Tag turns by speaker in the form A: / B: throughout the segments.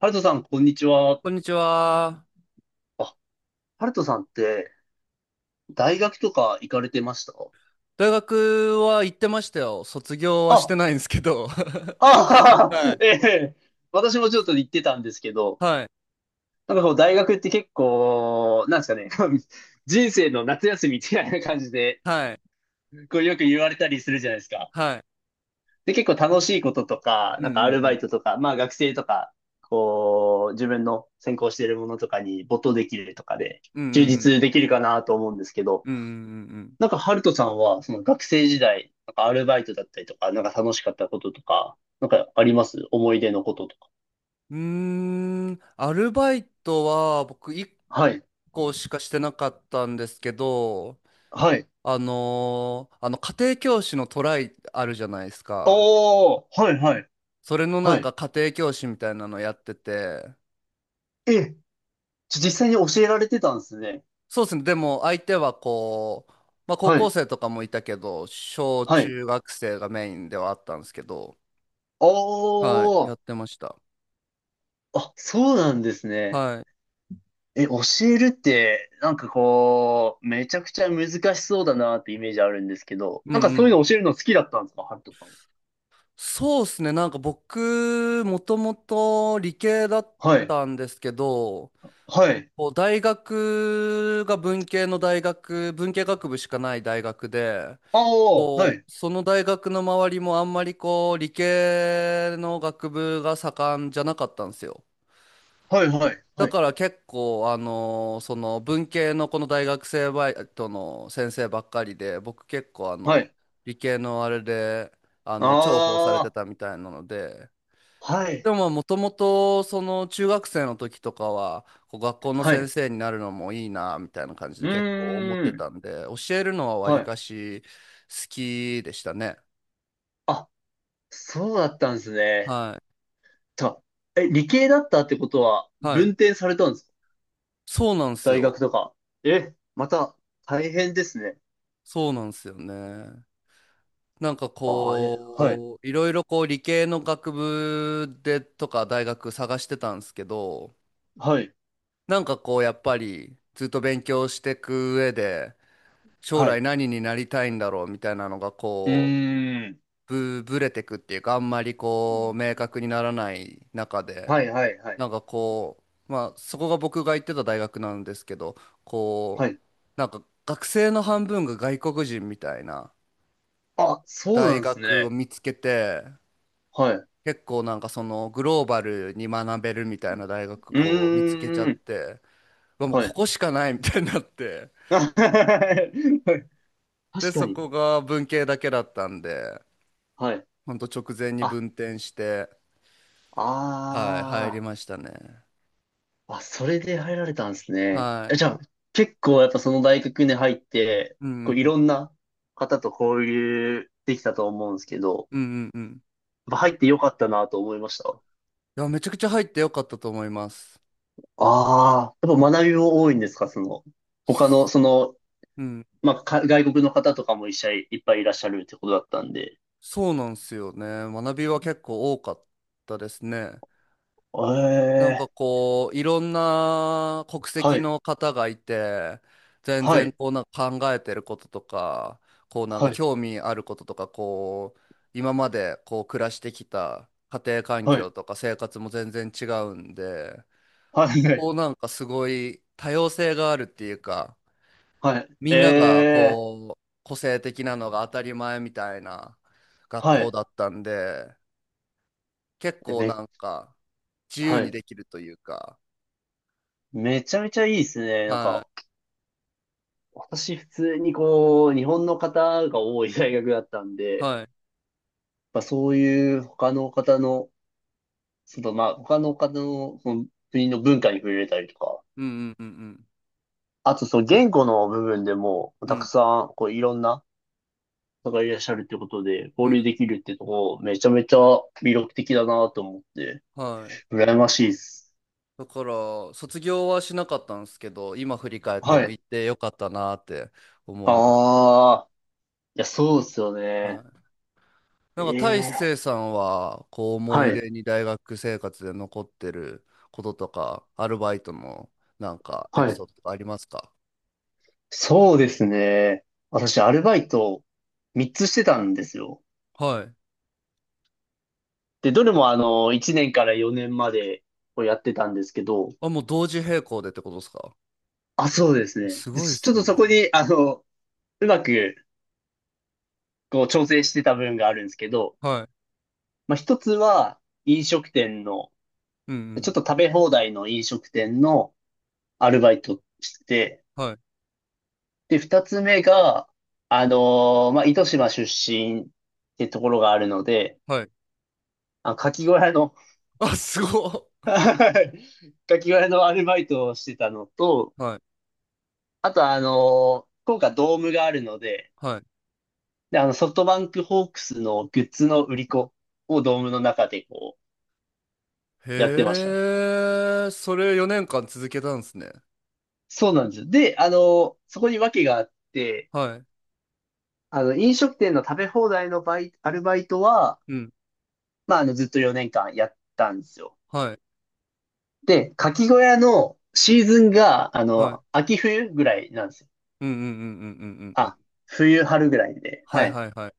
A: ハルトさん、こんにちは。
B: こんにちは。
A: あ、ハルトさんって、大学とか行かれてました？
B: 大学は行ってましたよ。卒業はして
A: あ、
B: ないんですけど。は
A: ああ、
B: い。
A: ええ、私もちょっと行ってたんですけど、
B: はい。
A: なんかこう、大学って結構、なんですかね、人生の夏休みみたいな感じで、
B: はい。
A: こう、よく言われたりするじゃないですか。
B: はい。
A: で、結構楽しいこととか、
B: うん
A: なんか
B: う
A: ア
B: ん
A: ル
B: う
A: バ
B: ん。
A: イトとか、まあ学生とか、こう、自分の専攻しているものとかに没頭できるとかで、
B: うんうんう
A: 充
B: ん。
A: 実できるかなと思うんですけど、
B: うんうん
A: なんか、ハルトさんは、その学生時代、なんかアルバイトだったりとか、なんか楽しかったこととか、なんかあります、思い出のこととか？
B: うんうん。アルバイトは僕1
A: はい。
B: 個しかしてなかったんですけど、
A: はい。
B: あの家庭教師のトライあるじゃないですか。
A: おー、はいはい。
B: それのな
A: は
B: んか
A: い。
B: 家庭教師みたいなのやってて。
A: え、じゃ実際に教えられてたんですね。
B: そうですね。でも相手はこう、まあ高
A: は
B: 校
A: い。
B: 生とかもいたけど、小
A: はい。
B: 中学生がメインではあったんですけど、
A: お
B: はい、やっ
A: ー、
B: てました。
A: あ、そうなんですね。
B: はい。
A: え、教えるって、なんかこう、めちゃくちゃ難しそうだなってイメージあるんですけど、
B: うん
A: なんか
B: う
A: そうい
B: ん。
A: うの教えるの好きだったんですか、ハルトさんは？
B: そうですね。なんか僕、もともと理系だっ
A: はい。
B: たんですけど、
A: はい。
B: こう大学が文系の大学、文系学部しかない大学で、
A: あー、は
B: こ
A: い。
B: う、その大学の周りもあんまりこう、理系の学部が盛んじゃなかったんですよ。
A: はいはい。
B: だ
A: はい。
B: から結構、その文系のこの大学生バイトの先生ばっかりで、僕結構あ
A: は
B: の、
A: い。
B: 理系のあれで、あの、重宝されて
A: あ
B: たみたいなので、
A: あ、は
B: で
A: い、
B: ももともと、その中学生の時とかは、こう学校の
A: は
B: 先
A: い。
B: 生になるのもいいな、みたいな感じで
A: う
B: 結構思って
A: ー
B: た
A: ん、
B: んで、教えるのはわり
A: はい。
B: かし好きでしたね。
A: あ、そうだったんですね。
B: は
A: と、え、理系だったってことは、
B: い。はい。
A: 文転されたんですか、
B: そうなんです
A: 大
B: よ。
A: 学とか？え、また、大変ですね。
B: そうなんですよね。なんか
A: あ、え、はい、
B: こう、いろいろこう理系の学部でとか大学探してたんですけど、
A: はい、
B: なんかこうやっぱりずっと勉強していく上で、将
A: は
B: 来
A: い。
B: 何になりたいんだろうみたいなのが
A: う
B: こ
A: ーん、
B: う、ぶれてくっていうか、あんまり
A: ん、
B: こう、明確にならない中で、
A: はい、はい、はい、
B: なんかこう、まあそこが僕が行ってた大学なんですけど、
A: は
B: こう、
A: い。
B: なんか学生の半分が外国人みたいな
A: あ、そう
B: 大
A: なんです
B: 学を
A: ね。
B: 見つけて、
A: はい。う
B: 結構なんかそのグローバルに学べるみたいな大学
A: ー
B: こう見つけちゃっ
A: ん、
B: て、うわもう
A: は
B: こ
A: い。
B: こしかないみたいになって、
A: はい、確
B: で
A: か
B: そ
A: に。
B: こが文系だけだったんで、
A: はい。
B: ほんと直前に
A: あ、
B: 分転して、はい入り
A: ああ。
B: ましたね。
A: あ、それで入られたんですね。
B: は
A: え、じゃあ、結構やっぱその大学に入って、
B: い。う
A: こ
B: ん
A: ういろんな方と交流できたと思うんですけど、
B: うんうんうん。
A: やっぱ入ってよかったなと思いました。
B: いやめちゃくちゃ入ってよかったと思います。
A: ああ、やっぱ学びも多いんですか、その、他の、その、
B: うん。
A: まあ、か外国の方とかも一緒にいっぱいいらっしゃるってことだったんで。
B: そうなんですよね。学びは結構多かったですね。なん
A: え
B: か
A: え、
B: こう、いろんな国
A: は
B: 籍
A: い、
B: の方がいて、全
A: は
B: 然
A: い、
B: こうなんか考えてることとか、こうなんか
A: はい、
B: 興味あることとか、こう、今までこう暮らしてきた家庭環
A: は
B: 境
A: い、
B: とか生活も全然違うんで、
A: はい、はい、
B: こうなんかすごい多様性があるっていうか、
A: はい、
B: み
A: え
B: んなが
A: え、
B: こう、個性的なのが当たり前みたいな学
A: は
B: 校
A: い、
B: だったんで、結
A: え
B: 構
A: め、
B: なんか自由
A: は
B: に
A: い、
B: できるというか、
A: めちゃめちゃいいですね、なん
B: は
A: か。
B: い。
A: 私普通にこう、日本の方が多い大学だったんで、
B: はい。
A: まあ、そういう他の方の、そのまあ他の方のその国の文化に触れたりとか、
B: うんうんうん
A: あとその言語の部分でも、
B: う
A: たく
B: ん
A: さんこういろんな方がいらっしゃるってことで、
B: うん
A: 交
B: う
A: 流
B: ん。
A: できるってとこ、めちゃめちゃ魅力的だなと思って、
B: はい。
A: 羨ましいです。
B: だから卒業はしなかったんですけど今振り返って
A: は
B: も
A: い。
B: 行ってよかったなって思います。
A: ああ、いや、そうですよ
B: は
A: ね。
B: い、なんか大
A: ええ、
B: 成さんはこう思
A: は
B: い
A: い。
B: 出に大学生活で残ってることとかアルバイトのなんかエピ
A: はい。
B: ソードとかありますか？
A: そうですね。私、アルバイト3つしてたんですよ。
B: はい
A: で、どれもあの、1年から4年までをやってたんですけど、
B: あもう同時並行でってことですか？
A: あ、そうですね。
B: す
A: で、
B: ごいっ
A: ちょっ
B: す
A: と
B: ね。
A: そこに、あの、うまく、こう、調整してた部分があるんですけど、
B: はい。
A: まあ、一つは、飲食店の、
B: うんう
A: ちょっと
B: ん。
A: 食べ放題の飲食店のアルバイトしてて、
B: はい。
A: で、二つ目が、あのまあ、糸島出身ってところがあるので、
B: はい。
A: あ、牡蠣小屋の、
B: あ、すごっ。
A: はい。ガキ割りのアルバイトをしてたのと、
B: はい。
A: あとはあの、福岡ドームがあるので、
B: はい。
A: で、あの、ソフトバンクホークスのグッズの売り子をドームの中でこう、やってました。
B: へえ、それ4年間続けたんですね。
A: そうなんですよ。で、あの、そこに訳があって、
B: はい。
A: あの、飲食店の食べ放題のアルバイトは、
B: うん。
A: まあ、あの、ずっと4年間やったんですよ。
B: はい。
A: で、かき小屋のシーズンが、あ
B: はい。
A: の、秋冬ぐらいなんですよ。
B: うんうんうんうんうんうんうん。
A: あ、冬春ぐらいで。
B: は
A: は
B: い
A: い。
B: はいはい。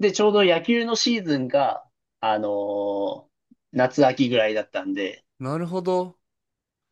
A: で、ちょうど野球のシーズンが、あのー夏秋ぐらいだったんで、
B: なるほど。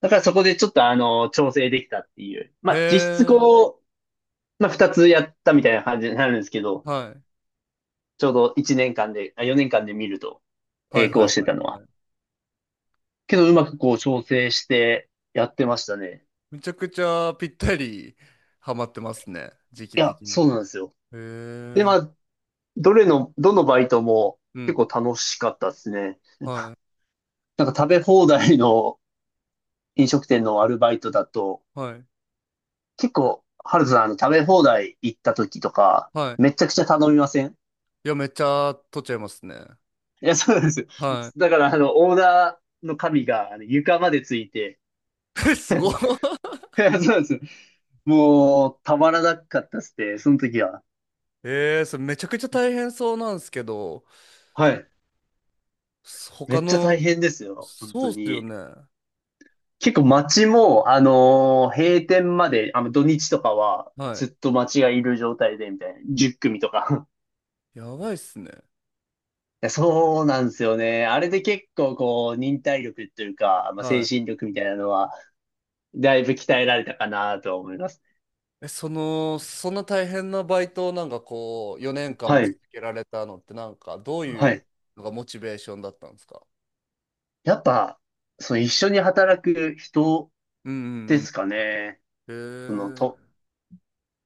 A: だからそこでちょっと調整できたっていう。まあ、実質
B: へえ。
A: こう、まあ、二つやったみたいな感じになるんですけど、
B: はい。
A: ちょうど一年間で、あ、4年間で見ると、
B: はい
A: 並
B: は
A: 行
B: い
A: して
B: はい
A: たの
B: は
A: は。
B: い。
A: けど、うまくこう調整してやってましたね。
B: めちゃくちゃぴったりハマってますね。時期
A: いや、
B: 的に
A: そ
B: は。
A: う
B: へ
A: なんですよ。で、ま
B: え。
A: あ、どれの、どのバイトも
B: う
A: 結
B: ん。
A: 構楽しかったですね。な
B: はい。
A: んか食べ放題の飲食店のアルバイトだと、
B: はい。
A: 結構、ハルさん、あの、食べ放題行った時とか、
B: はい。
A: めちゃくちゃ頼みません？
B: いや、めっちゃ取っちゃいますね。
A: いや、そうなんですよ。
B: は
A: だから、あの、オーダーの紙が、あの、床までついて、
B: い。え、すごい。
A: いや、そうなんですよ。もう、たまらなかったっすね、その時は。
B: ええ、それめちゃくちゃ大変そうなんですけど、
A: はい。め
B: 他
A: っちゃ大
B: の、
A: 変ですよ、本
B: そ
A: 当
B: うっすよ
A: に。
B: ね。は
A: 結構街も、閉店まで、あの、土日とかは、
B: い。
A: ずっと街がいる状態で、みたいな。10組とか。
B: やばいっすね。
A: いや、そうなんですよね。あれで結構、こう、忍耐力というか、まあ、精
B: は
A: 神力みたいなのは、だいぶ鍛えられたかなと思います。
B: い。え、その、そんな大変なバイトをなんかこう、4年間も
A: はい。
B: 続けられたのって、なんかどう
A: は
B: いう
A: い。
B: のがモチベーションだったんですか？
A: やっぱ、その一緒に働く人
B: うんう
A: で
B: ん
A: すかね。
B: うん。
A: その
B: へえ。
A: と、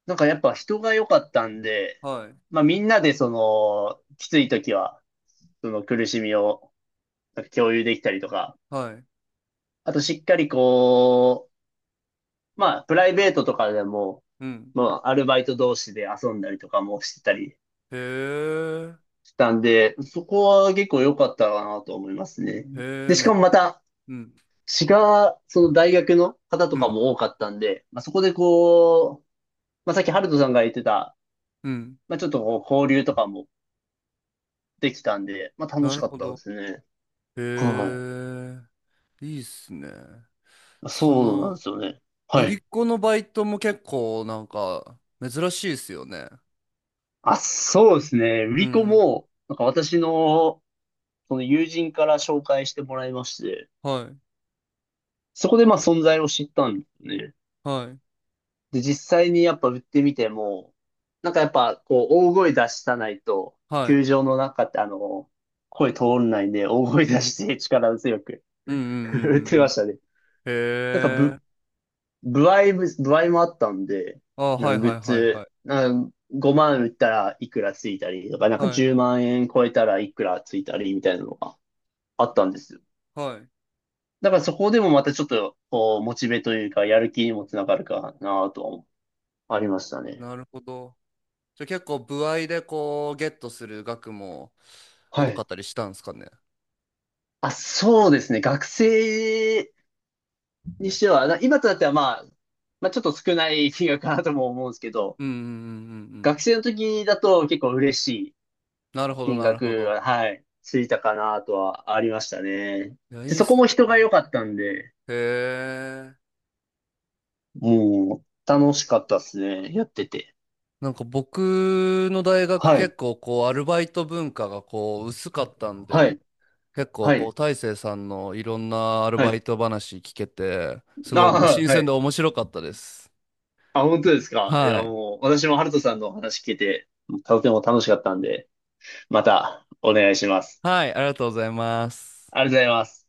A: なんかやっぱ人が良かったんで、
B: はい。
A: まあみんなでその、きつい時は、その苦しみをなんか共有できたりとか、
B: はい。
A: あとしっかりこう、まあプライベートとかでも、
B: うん。
A: まあアルバイト同士で遊んだりとかもしてたり
B: へえ。
A: したんで、そこは結構良かったかなと思いますね。
B: へ
A: で、
B: え、
A: し
B: め、
A: かもまた、
B: うん。
A: 違う、その大学の方と
B: う
A: か
B: ん。
A: も多かったんで、まあ、そこでこう、まあ、さっきハルトさんが言ってた、
B: うん。
A: まあ、ちょっとこう交流とかもできたんで、まあ、楽
B: な
A: し
B: る
A: かっ
B: ほ
A: たで
B: ど。
A: すね。
B: へ
A: はい。
B: え。いいっすね。そ
A: そうなん
B: の、
A: ですよね。は
B: 売り
A: い。
B: 子のバイトも結構なんか珍しいっすよね。
A: あ、そうですね。売
B: う
A: り子
B: んうん。
A: も、なんか私の、その友人から紹介してもらいまして、
B: はい。
A: そこでまあ存在を知ったんですね。
B: はい。
A: で、実際にやっぱ売ってみても、なんかやっぱこう大声出したないと、
B: はい。
A: 球場の中ってあの、声通らないんで、大声出して力強く
B: うんうん
A: 売って
B: うんうんう
A: ま
B: ん。
A: したね。なんか
B: へえ。
A: 歩合もあったんで、
B: あ、
A: な
B: は
A: んか
B: い
A: グ
B: は
A: ッ
B: いはいは
A: ズ、
B: い。
A: なんか5万売ったらいくらついたりとか、なんか
B: はい
A: 10万円超えたらいくらついたりみたいなのがあったんですよ。
B: はい。
A: だからそこでもまたちょっと、こう、モチベというか、やる気にもつながるかなとは思うありましたね。
B: なるほど。じゃあ結構歩合でこうゲットする額も
A: は
B: 多かっ
A: い。
B: たりしたんですかね？
A: あ、そうですね。学生にしては、な今となってはまあ、まあちょっと少ない金額かなとも思うんですけど、
B: うんうんうんうんうん。
A: 学生の時だと結構嬉しい
B: なるほど
A: 金
B: なるほ
A: 額
B: ど。
A: は、はい、ついたかなとはありましたね。
B: いや、い
A: で、
B: いっ
A: そこ
B: す。
A: も人が良かったんで、
B: へえ。
A: もう楽しかったですね。やってて。
B: なんか僕の大学
A: はい、
B: 結構こうアルバイト文化がこう薄かったん
A: は
B: で、
A: い、
B: 結構
A: は
B: こ
A: い、
B: う大成さんのいろんなアル
A: は
B: バ
A: い。
B: イト話聞けて、すごいなんか
A: あ、
B: 新
A: は
B: 鮮で
A: い。
B: 面白かったです。
A: あ、本当ですか。い
B: は
A: や、
B: い。
A: もう私もハルトさんのお話聞けて、とても楽しかったんで、またお願いします。
B: はい、ありがとうございます。
A: ありがとうございます。